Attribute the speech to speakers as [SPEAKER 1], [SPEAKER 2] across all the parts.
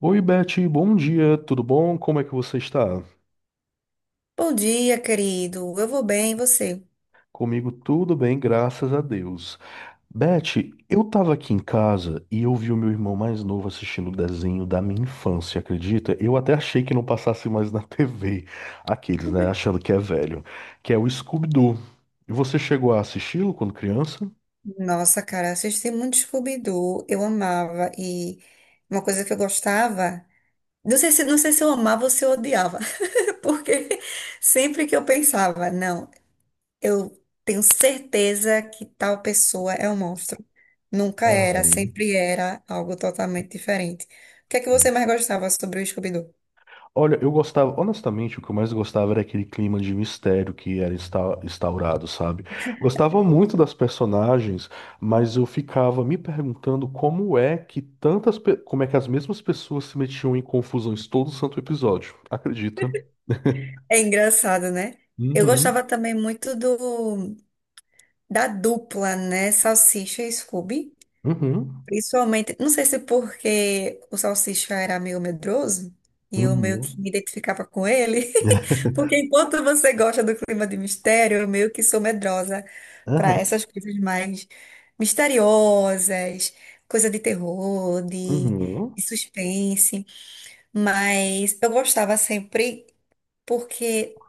[SPEAKER 1] Oi, Beth, bom dia, tudo bom? Como é que você está?
[SPEAKER 2] Bom dia, querido. Eu vou bem, e você?
[SPEAKER 1] Comigo tudo bem, graças a Deus. Beth, eu estava aqui em casa e eu vi o meu irmão mais novo assistindo o desenho da minha infância, acredita? Eu até achei que não passasse mais na TV, aqueles, né, achando que é velho, que é o Scooby-Doo. E você chegou a assisti-lo quando criança?
[SPEAKER 2] Nossa, cara, assisti muito Scooby-Doo. Eu amava e uma coisa que eu gostava, não sei se eu amava ou se eu odiava, porque sempre que eu pensava, não, eu tenho certeza que tal pessoa é um monstro. Nunca era,
[SPEAKER 1] Aham.
[SPEAKER 2] sempre era algo totalmente diferente. O que é que você mais gostava sobre o Scooby-Doo?
[SPEAKER 1] Olha, eu gostava, honestamente, o que eu mais gostava era aquele clima de mistério que era instaurado, sabe? Gostava muito das personagens, mas eu ficava me perguntando como é que como é que as mesmas pessoas se metiam em confusões todo santo episódio. Acredita?
[SPEAKER 2] É engraçado, né? Eu
[SPEAKER 1] Uhum,
[SPEAKER 2] gostava também muito do da dupla, né? Salsicha e Scooby.
[SPEAKER 1] uhum,
[SPEAKER 2] Principalmente, não sei se porque o Salsicha era meio medroso e eu meio que
[SPEAKER 1] uhum,
[SPEAKER 2] me identificava com ele, porque enquanto você gosta do clima de mistério, eu meio que sou medrosa para
[SPEAKER 1] aham,
[SPEAKER 2] essas coisas mais misteriosas, coisa de terror,
[SPEAKER 1] uhum.
[SPEAKER 2] de suspense, mas eu gostava sempre porque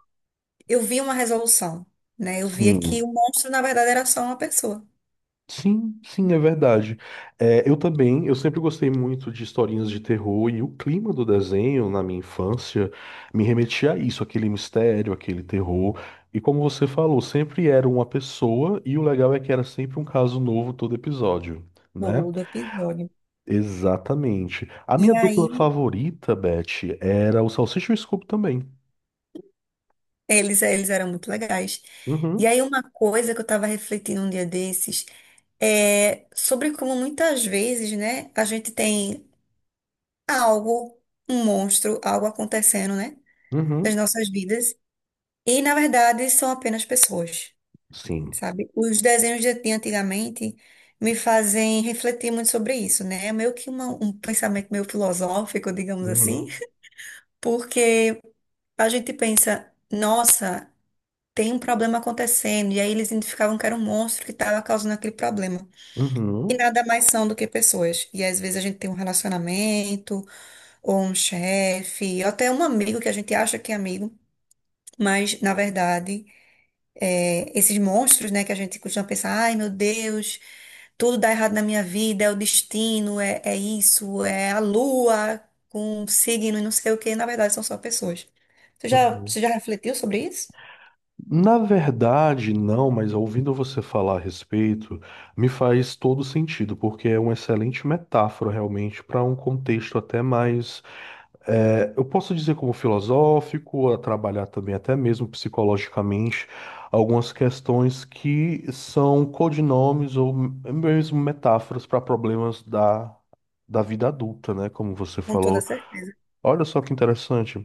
[SPEAKER 2] eu via uma resolução, né? Eu via que
[SPEAKER 1] Sim.
[SPEAKER 2] o monstro, na verdade, era só uma pessoa.
[SPEAKER 1] Sim, sim, é verdade. É, eu também, eu sempre gostei muito de historinhas de terror e o clima do desenho na minha infância me remetia a isso, aquele mistério, aquele terror. E como você falou, sempre era uma pessoa e o legal é que era sempre um caso novo todo episódio, né?
[SPEAKER 2] Todo episódio.
[SPEAKER 1] Exatamente. A minha
[SPEAKER 2] E
[SPEAKER 1] dupla
[SPEAKER 2] aí.
[SPEAKER 1] favorita, Beth, era o Salsicha e o Scooby também.
[SPEAKER 2] Eles, eles eram muito legais. E
[SPEAKER 1] Uhum,
[SPEAKER 2] aí, uma coisa que eu estava refletindo um dia desses é sobre como muitas vezes, né, a gente tem algo, um monstro, algo acontecendo, né, nas
[SPEAKER 1] uhum,
[SPEAKER 2] nossas vidas. E, na verdade, são apenas pessoas,
[SPEAKER 1] sim.
[SPEAKER 2] sabe? Os desenhos de antigamente me fazem refletir muito sobre isso, né? É meio que um pensamento meio filosófico, digamos assim,
[SPEAKER 1] Uhum,
[SPEAKER 2] porque a gente pensa. Nossa, tem um problema acontecendo, e aí eles identificavam que era um monstro que estava causando aquele problema. E
[SPEAKER 1] uhum,
[SPEAKER 2] nada mais são do que pessoas. E às vezes a gente tem um relacionamento, ou um chefe, ou até um amigo que a gente acha que é amigo, mas na verdade, esses monstros, né, que a gente costuma pensar, ai meu Deus, tudo dá errado na minha vida, é o destino, é isso, é a lua com um signo e não sei o que, na verdade são só pessoas.
[SPEAKER 1] uhum.
[SPEAKER 2] Você já refletiu sobre isso?
[SPEAKER 1] Na verdade, não, mas ouvindo você falar a respeito, me faz todo sentido, porque é uma excelente metáfora realmente para um contexto até mais, eu posso dizer como filosófico, a trabalhar também até mesmo psicologicamente algumas questões que são codinomes ou mesmo metáforas para problemas da vida adulta, né? Como você
[SPEAKER 2] Com toda
[SPEAKER 1] falou.
[SPEAKER 2] certeza.
[SPEAKER 1] Olha só que interessante.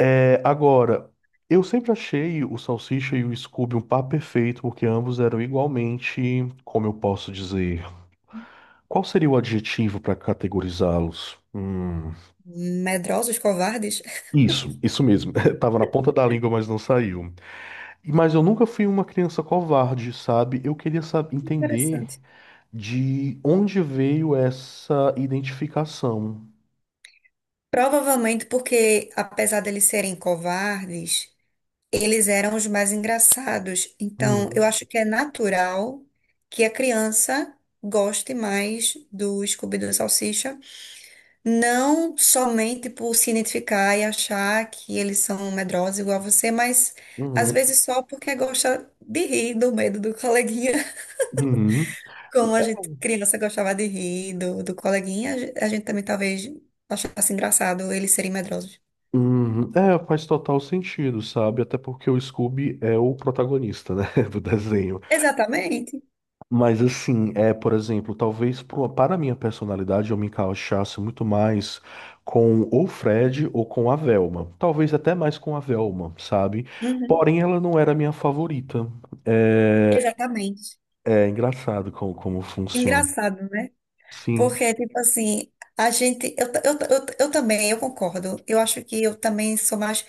[SPEAKER 1] É, agora, eu sempre achei o Salsicha e o Scooby um par perfeito, porque ambos eram igualmente, como eu posso dizer, qual seria o adjetivo para categorizá-los?
[SPEAKER 2] Medrosos, covardes?
[SPEAKER 1] Isso, isso mesmo. Tava na ponta da língua, mas não saiu. Mas eu nunca fui uma criança covarde, sabe? Eu queria saber, entender
[SPEAKER 2] Interessante.
[SPEAKER 1] de onde veio essa identificação.
[SPEAKER 2] Provavelmente porque, apesar deles serem covardes, eles eram os mais engraçados. Então, eu
[SPEAKER 1] Uhum,
[SPEAKER 2] acho que é natural que a criança goste mais do Scooby-Doo e Salsicha, não somente por se identificar e achar que eles são medrosos igual a você, mas às
[SPEAKER 1] uhum,
[SPEAKER 2] vezes só porque gosta de rir do medo do coleguinha.
[SPEAKER 1] uhum.
[SPEAKER 2] Como a gente, criança, gostava de rir do coleguinha, a gente também talvez achasse engraçado eles serem medrosos.
[SPEAKER 1] Uhum. É, faz total sentido, sabe? Até porque o Scooby é o protagonista, né, do desenho.
[SPEAKER 2] Exatamente.
[SPEAKER 1] Mas assim, é, por exemplo, para a minha personalidade eu me encaixasse muito mais com ou Fred ou com a Velma. Talvez até mais com a Velma, sabe?
[SPEAKER 2] Uhum.
[SPEAKER 1] Porém, ela não era a minha favorita. É,
[SPEAKER 2] Exatamente.
[SPEAKER 1] é engraçado como funciona.
[SPEAKER 2] Engraçado, né?
[SPEAKER 1] Sim.
[SPEAKER 2] Porque, tipo assim, a gente. Eu também, eu concordo. Eu acho que eu também sou mais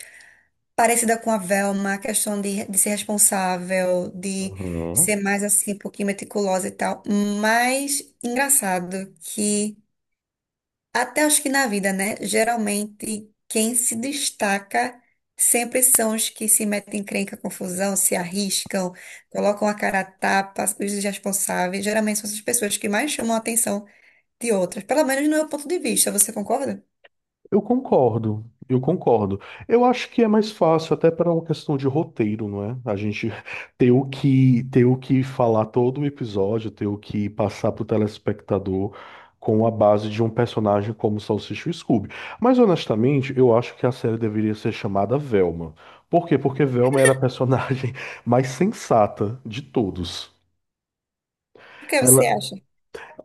[SPEAKER 2] parecida com a Velma, a questão de ser responsável, de ser
[SPEAKER 1] Uhum.
[SPEAKER 2] mais assim, um pouquinho meticulosa e tal. Mas engraçado que. Até acho que na vida, né? Geralmente, quem se destaca sempre são os que se metem em encrenca, confusão, se arriscam, colocam a cara a tapa, os irresponsáveis. Geralmente são essas pessoas que mais chamam a atenção de outras. Pelo menos no meu ponto de vista, você concorda?
[SPEAKER 1] Eu concordo, eu concordo. Eu acho que é mais fácil até para uma questão de roteiro, não é? A gente ter o que falar todo o episódio, ter o que passar para o telespectador com a base de um personagem como Salsicha e Scooby. Mas honestamente, eu acho que a série deveria ser chamada Velma. Por quê? Porque Velma era a personagem mais sensata de todos.
[SPEAKER 2] O que você acha?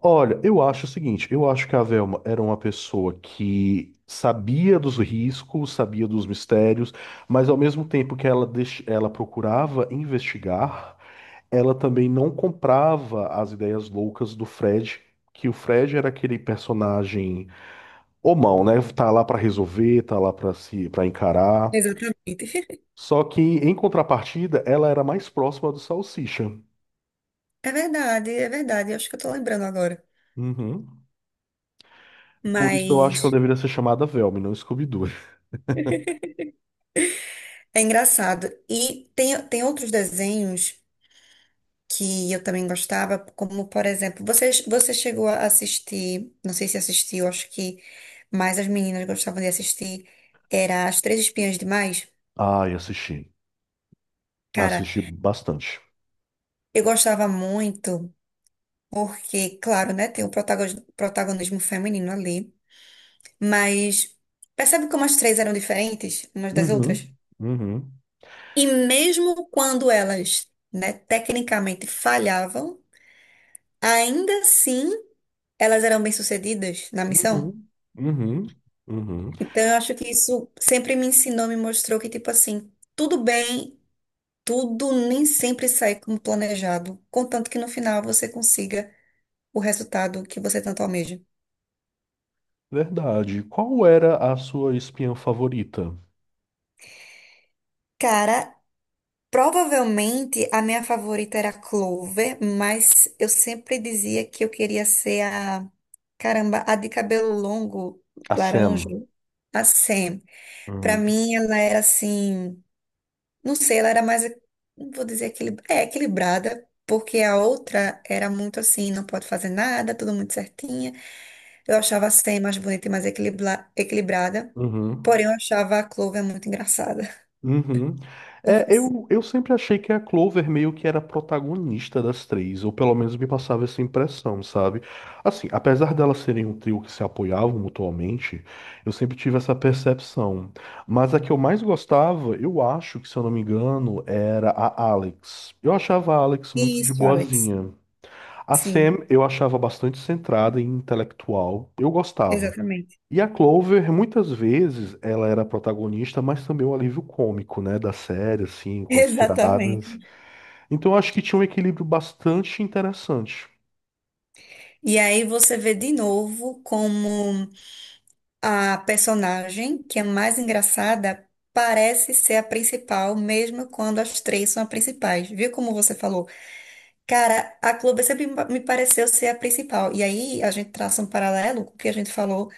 [SPEAKER 1] Olha, eu acho o seguinte, eu acho que a Velma era uma pessoa que sabia dos riscos, sabia dos mistérios, mas ao mesmo tempo que ela procurava investigar, ela também não comprava as ideias loucas do Fred, que o Fred era aquele personagem homão, né? Tá lá pra resolver, tá lá pra se para encarar.
[SPEAKER 2] Exatamente.
[SPEAKER 1] Só que em contrapartida, ela era mais próxima do Salsicha.
[SPEAKER 2] É verdade, é verdade. Eu acho que eu tô lembrando agora.
[SPEAKER 1] Uhum. Por isso eu acho que ela
[SPEAKER 2] Mas
[SPEAKER 1] deveria ser chamada Velma, e não Scooby-Doo.
[SPEAKER 2] é engraçado. E tem outros desenhos. Que eu também gostava, como por exemplo, você chegou a assistir, não sei se assistiu, acho que mais as meninas gostavam de assistir, era As Três Espiãs Demais.
[SPEAKER 1] Ai, assisti.
[SPEAKER 2] Cara,
[SPEAKER 1] Assisti bastante.
[SPEAKER 2] eu gostava muito, porque, claro, né, tem o protagonismo feminino ali, mas percebe como as três eram diferentes umas das outras?
[SPEAKER 1] Uhum, uhum,
[SPEAKER 2] E mesmo quando elas, né, tecnicamente falhavam, ainda assim elas eram bem-sucedidas na missão.
[SPEAKER 1] uhum, uhum, uhum.
[SPEAKER 2] Então, eu acho que isso sempre me ensinou, me mostrou que, tipo assim, tudo bem, tudo nem sempre sai como planejado, contanto que no final você consiga o resultado que você tanto almeja.
[SPEAKER 1] Verdade. Qual era a sua espiã favorita?
[SPEAKER 2] Cara, provavelmente a minha favorita era a Clover, mas eu sempre dizia que eu queria ser a, caramba, a de cabelo longo,
[SPEAKER 1] A
[SPEAKER 2] laranja,
[SPEAKER 1] Sam.
[SPEAKER 2] a Sam. Pra
[SPEAKER 1] Uhum,
[SPEAKER 2] mim, ela era assim. Não sei, ela era mais, não vou dizer equilibrada, porque a outra era muito assim, não pode fazer nada, tudo muito certinha. Eu achava a Sam mais bonita e mais equilibrada,
[SPEAKER 1] uhum.
[SPEAKER 2] porém eu achava a Clover muito engraçada,
[SPEAKER 1] Uhum. É,
[SPEAKER 2] confesso.
[SPEAKER 1] eu sempre achei que a Clover meio que era a protagonista das três, ou pelo menos me passava essa impressão, sabe? Assim, apesar delas serem um trio que se apoiavam mutuamente, eu sempre tive essa percepção. Mas a que eu mais gostava, eu acho que, se eu não me engano, era a Alex. Eu achava a Alex muito de
[SPEAKER 2] Isso, Alex.
[SPEAKER 1] boazinha. A
[SPEAKER 2] Sim,
[SPEAKER 1] Sam eu achava bastante centrada e intelectual. Eu gostava.
[SPEAKER 2] exatamente.
[SPEAKER 1] E a Clover, muitas vezes, ela era a protagonista, mas também o alívio cômico, né, da série, assim, com as
[SPEAKER 2] Exatamente.
[SPEAKER 1] tiradas. Então, eu acho que tinha um equilíbrio bastante interessante.
[SPEAKER 2] E aí você vê de novo como a personagem, que é mais engraçada, parece ser a principal, mesmo quando as três são as principais. Viu como você falou? Cara, a Globo sempre me pareceu ser a principal. E aí a gente traça um paralelo com o que a gente falou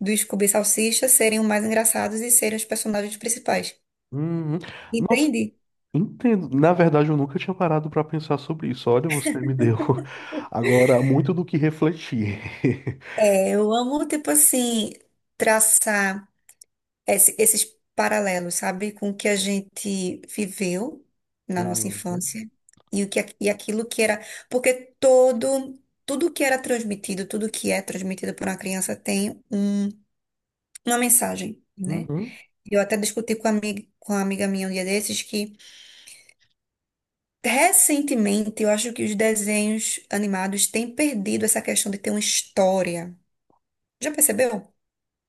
[SPEAKER 2] do Scooby e Salsicha serem os mais engraçados e serem os personagens principais.
[SPEAKER 1] Uhum. Nossa,
[SPEAKER 2] Entende?
[SPEAKER 1] entendo. Na verdade, eu nunca tinha parado para pensar sobre isso. Olha, você me deu agora muito do que refletir.
[SPEAKER 2] É, eu amo, tipo assim, traçar esses paralelos, sabe? Com o que a gente viveu na nossa
[SPEAKER 1] Uhum.
[SPEAKER 2] infância e, e aquilo que era. Porque tudo que era transmitido, tudo que é transmitido por uma criança tem um, uma mensagem. Né?
[SPEAKER 1] Uhum.
[SPEAKER 2] Eu até discuti com uma amiga minha um dia desses que, recentemente, eu acho que os desenhos animados têm perdido essa questão de ter uma história. Já percebeu?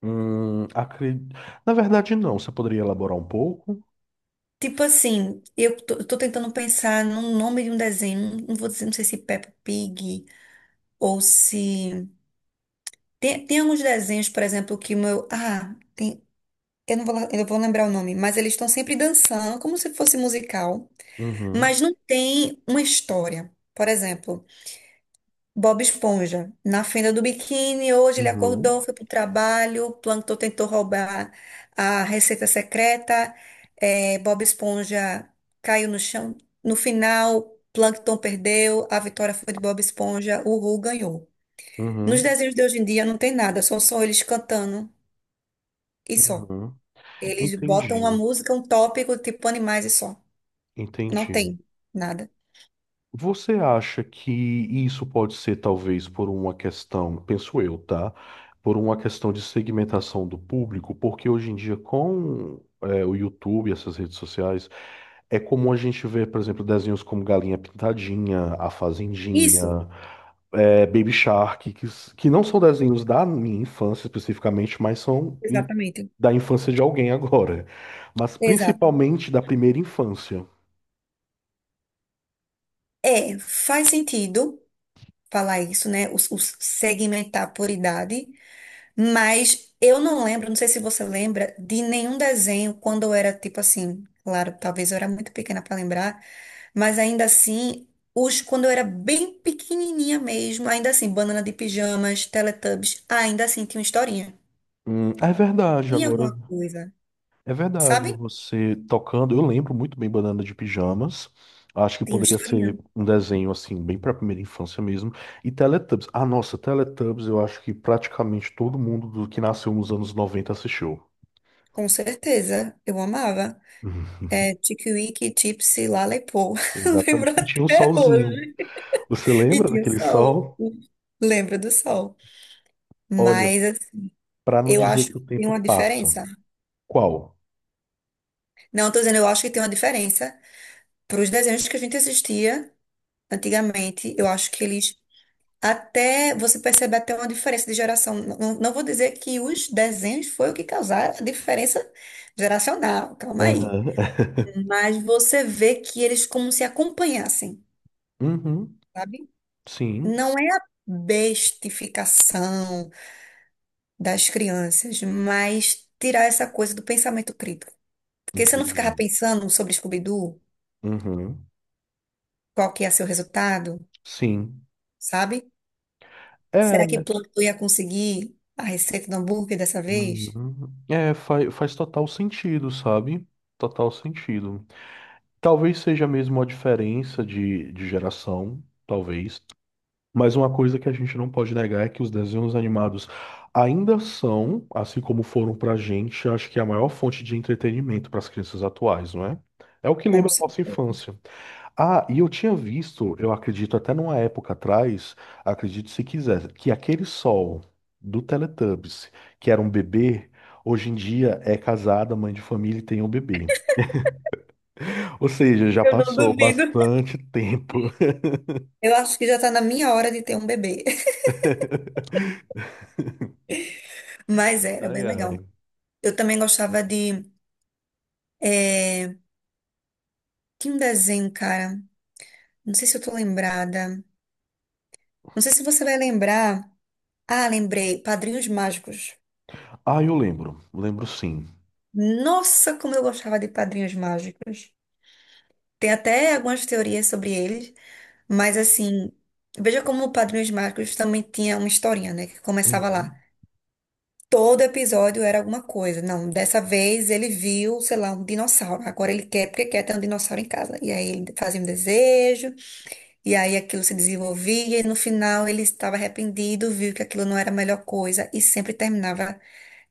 [SPEAKER 1] Hum, acre- Na verdade, não. Você poderia elaborar um pouco?
[SPEAKER 2] Tipo assim, eu tô tentando pensar no nome de um desenho, não vou dizer, não sei se Peppa Pig ou se... tem alguns desenhos, por exemplo, que o meu... Ah, tem, eu não vou, lá- eu vou lembrar o nome, mas eles estão sempre dançando, como se fosse musical,
[SPEAKER 1] Uhum.
[SPEAKER 2] mas não tem uma história. Por exemplo... Bob Esponja, na fenda do biquíni, hoje ele
[SPEAKER 1] Uhum.
[SPEAKER 2] acordou, foi pro trabalho, o Plankton tentou roubar a receita secreta, Bob Esponja caiu no chão. No final, Plankton perdeu, a vitória foi de Bob Esponja, o Ru ganhou. Nos
[SPEAKER 1] Uhum.
[SPEAKER 2] desenhos de hoje em dia não tem nada, são só eles cantando e só.
[SPEAKER 1] Uhum.
[SPEAKER 2] Eles botam uma
[SPEAKER 1] Entendi.
[SPEAKER 2] música, um tópico, tipo animais e só. Não
[SPEAKER 1] Entendi.
[SPEAKER 2] tem nada.
[SPEAKER 1] Você acha que isso pode ser talvez por uma questão, penso eu, tá? Por uma questão de segmentação do público, porque hoje em dia o YouTube, essas redes sociais, é comum a gente ver, por exemplo, desenhos como Galinha Pintadinha, A Fazendinha,
[SPEAKER 2] Isso,
[SPEAKER 1] Baby Shark, que não são desenhos da minha infância especificamente, mas
[SPEAKER 2] exatamente.
[SPEAKER 1] da infância de alguém agora, mas
[SPEAKER 2] Exato.
[SPEAKER 1] principalmente da primeira infância.
[SPEAKER 2] É, faz sentido. Falar isso, né? Os segmentar por idade, mas eu não lembro, não sei se você lembra, de nenhum desenho quando eu era tipo assim, claro, talvez eu era muito pequena para lembrar, mas ainda assim, os quando eu era bem pequenininha mesmo, ainda assim, Banana de Pijamas, Teletubbies, ainda assim tinha uma historinha,
[SPEAKER 1] É verdade,
[SPEAKER 2] tinha
[SPEAKER 1] agora.
[SPEAKER 2] alguma coisa,
[SPEAKER 1] É verdade,
[SPEAKER 2] sabe?
[SPEAKER 1] você tocando, eu lembro muito bem Banana de Pijamas. Acho que
[SPEAKER 2] Tinha uma
[SPEAKER 1] poderia
[SPEAKER 2] historinha.
[SPEAKER 1] ser um desenho assim, bem para a primeira infância mesmo. E Teletubbies. Ah, nossa, Teletubbies, eu acho que praticamente todo mundo do que nasceu nos anos noventa assistiu.
[SPEAKER 2] Com certeza, eu amava.
[SPEAKER 1] Uhum.
[SPEAKER 2] É, Tickwick, Tipsy, Lalepô. Lembro
[SPEAKER 1] Exatamente. E tinha um
[SPEAKER 2] até
[SPEAKER 1] solzinho.
[SPEAKER 2] hoje.
[SPEAKER 1] Você
[SPEAKER 2] E
[SPEAKER 1] lembra
[SPEAKER 2] tinha o
[SPEAKER 1] daquele
[SPEAKER 2] sol.
[SPEAKER 1] sol?
[SPEAKER 2] Lembra do sol.
[SPEAKER 1] Olha,
[SPEAKER 2] Mas assim,
[SPEAKER 1] para não
[SPEAKER 2] eu
[SPEAKER 1] dizer
[SPEAKER 2] acho
[SPEAKER 1] que
[SPEAKER 2] que
[SPEAKER 1] o
[SPEAKER 2] tem
[SPEAKER 1] tempo
[SPEAKER 2] uma
[SPEAKER 1] passa.
[SPEAKER 2] diferença.
[SPEAKER 1] Qual?
[SPEAKER 2] Não, tô dizendo, eu acho que tem uma diferença. Para os desenhos que a gente assistia antigamente, eu acho que eles até você percebe até uma diferença de geração. Não vou dizer que os desenhos foi o que causaram a diferença geracional, calma aí.
[SPEAKER 1] Aham.
[SPEAKER 2] Mas você vê que eles como se acompanhassem,
[SPEAKER 1] Uhum.
[SPEAKER 2] sabe?
[SPEAKER 1] Sim,
[SPEAKER 2] Não é a bestificação das crianças, mas tirar essa coisa do pensamento crítico. Porque você não
[SPEAKER 1] entendi.
[SPEAKER 2] ficava pensando sobre Scooby-Doo,
[SPEAKER 1] Uhum.
[SPEAKER 2] qual que ia ser o resultado,
[SPEAKER 1] Sim.
[SPEAKER 2] sabe? Será que
[SPEAKER 1] É.
[SPEAKER 2] Plantão ia conseguir a receita do hambúrguer dessa vez?
[SPEAKER 1] Uhum. É, faz total sentido, sabe? Total sentido. Talvez seja mesmo a diferença de geração, talvez. Mas uma coisa que a gente não pode negar é que os desenhos animados ainda são, assim como foram pra gente, acho que é a maior fonte de entretenimento para as crianças atuais, não é? É o que
[SPEAKER 2] Com
[SPEAKER 1] lembra a nossa
[SPEAKER 2] certeza.
[SPEAKER 1] infância. Ah, eu acredito até numa época atrás, acredito se quiser, que aquele sol do Teletubbies, que era um bebê, hoje em dia é casada, mãe de família e tem um bebê. Ou seja, já
[SPEAKER 2] Eu não
[SPEAKER 1] passou
[SPEAKER 2] duvido.
[SPEAKER 1] bastante tempo.
[SPEAKER 2] Eu acho que já está na minha hora de ter um bebê. Mas era
[SPEAKER 1] Ai,
[SPEAKER 2] bem legal.
[SPEAKER 1] ai.
[SPEAKER 2] Eu também gostava de. É, tem um desenho, cara. Não sei se eu tô lembrada. Não sei se você vai lembrar. Ah, lembrei. Padrinhos Mágicos.
[SPEAKER 1] Ah, eu lembro, lembro sim.
[SPEAKER 2] Nossa, como eu gostava de Padrinhos Mágicos. Tem até algumas teorias sobre eles, mas assim, veja como o Padrinhos Mágicos também tinha uma historinha, né? Que começava lá.
[SPEAKER 1] Uhum.
[SPEAKER 2] Todo episódio era alguma coisa. Não, dessa vez ele viu, sei lá, um dinossauro. Agora ele quer porque quer ter um dinossauro em casa. E aí ele fazia um desejo. E aí aquilo se desenvolvia e no final ele estava arrependido, viu que aquilo não era a melhor coisa e sempre terminava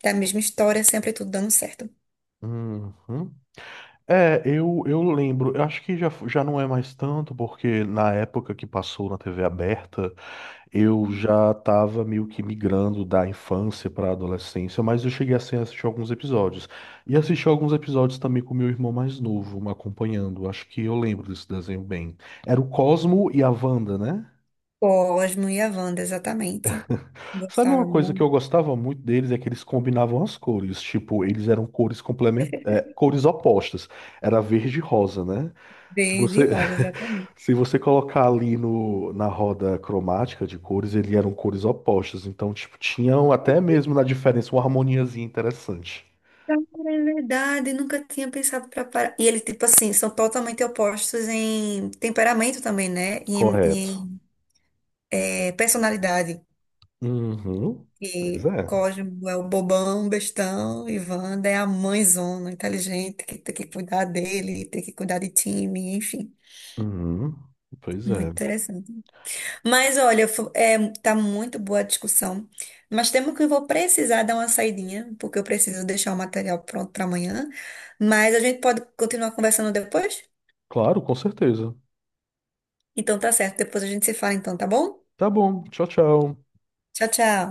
[SPEAKER 2] da mesma história, sempre tudo dando certo.
[SPEAKER 1] Uhum. É, eu lembro, eu acho que já não é mais tanto, porque na época que passou na TV aberta. Eu já estava meio que migrando da infância para a adolescência, mas eu cheguei assim, a assistir alguns episódios. E assisti alguns episódios também com meu irmão mais novo, me acompanhando. Acho que eu lembro desse desenho bem. Era o Cosmo e a Wanda, né?
[SPEAKER 2] Cosmo e a Wanda, exatamente.
[SPEAKER 1] Sabe uma
[SPEAKER 2] Gostava
[SPEAKER 1] coisa que
[SPEAKER 2] muito.
[SPEAKER 1] eu gostava muito deles é que eles combinavam as cores. Tipo, eles eram cores complement... é, cores opostas. Era verde e rosa, né? Se
[SPEAKER 2] Verde e
[SPEAKER 1] você,
[SPEAKER 2] rosa, exatamente.
[SPEAKER 1] se você colocar ali no, na roda cromática de cores, eles eram cores opostas. Então, tipo, tinham até mesmo na diferença uma harmoniazinha interessante.
[SPEAKER 2] Cara, é verdade, nunca tinha pensado pra parar. E eles, tipo assim, são totalmente opostos em temperamento também, né? E em, e
[SPEAKER 1] Correto.
[SPEAKER 2] em, eh, personalidade.
[SPEAKER 1] Uhum. Pois
[SPEAKER 2] E
[SPEAKER 1] é.
[SPEAKER 2] Cosmo é o bobão, bestão, e Wanda é a mãezona, inteligente, que tem que cuidar dele, tem que cuidar de time, enfim.
[SPEAKER 1] Uhum. Pois
[SPEAKER 2] Muito
[SPEAKER 1] é.
[SPEAKER 2] interessante. Mas olha, tá muito boa a discussão, mas temo que eu vou precisar dar uma saidinha, porque eu preciso deixar o material pronto para amanhã. Mas a gente pode continuar conversando depois?
[SPEAKER 1] Claro, com certeza.
[SPEAKER 2] Então tá certo, depois a gente se fala então, tá bom?
[SPEAKER 1] Tá bom. Tchau, tchau.
[SPEAKER 2] Tchau, tchau.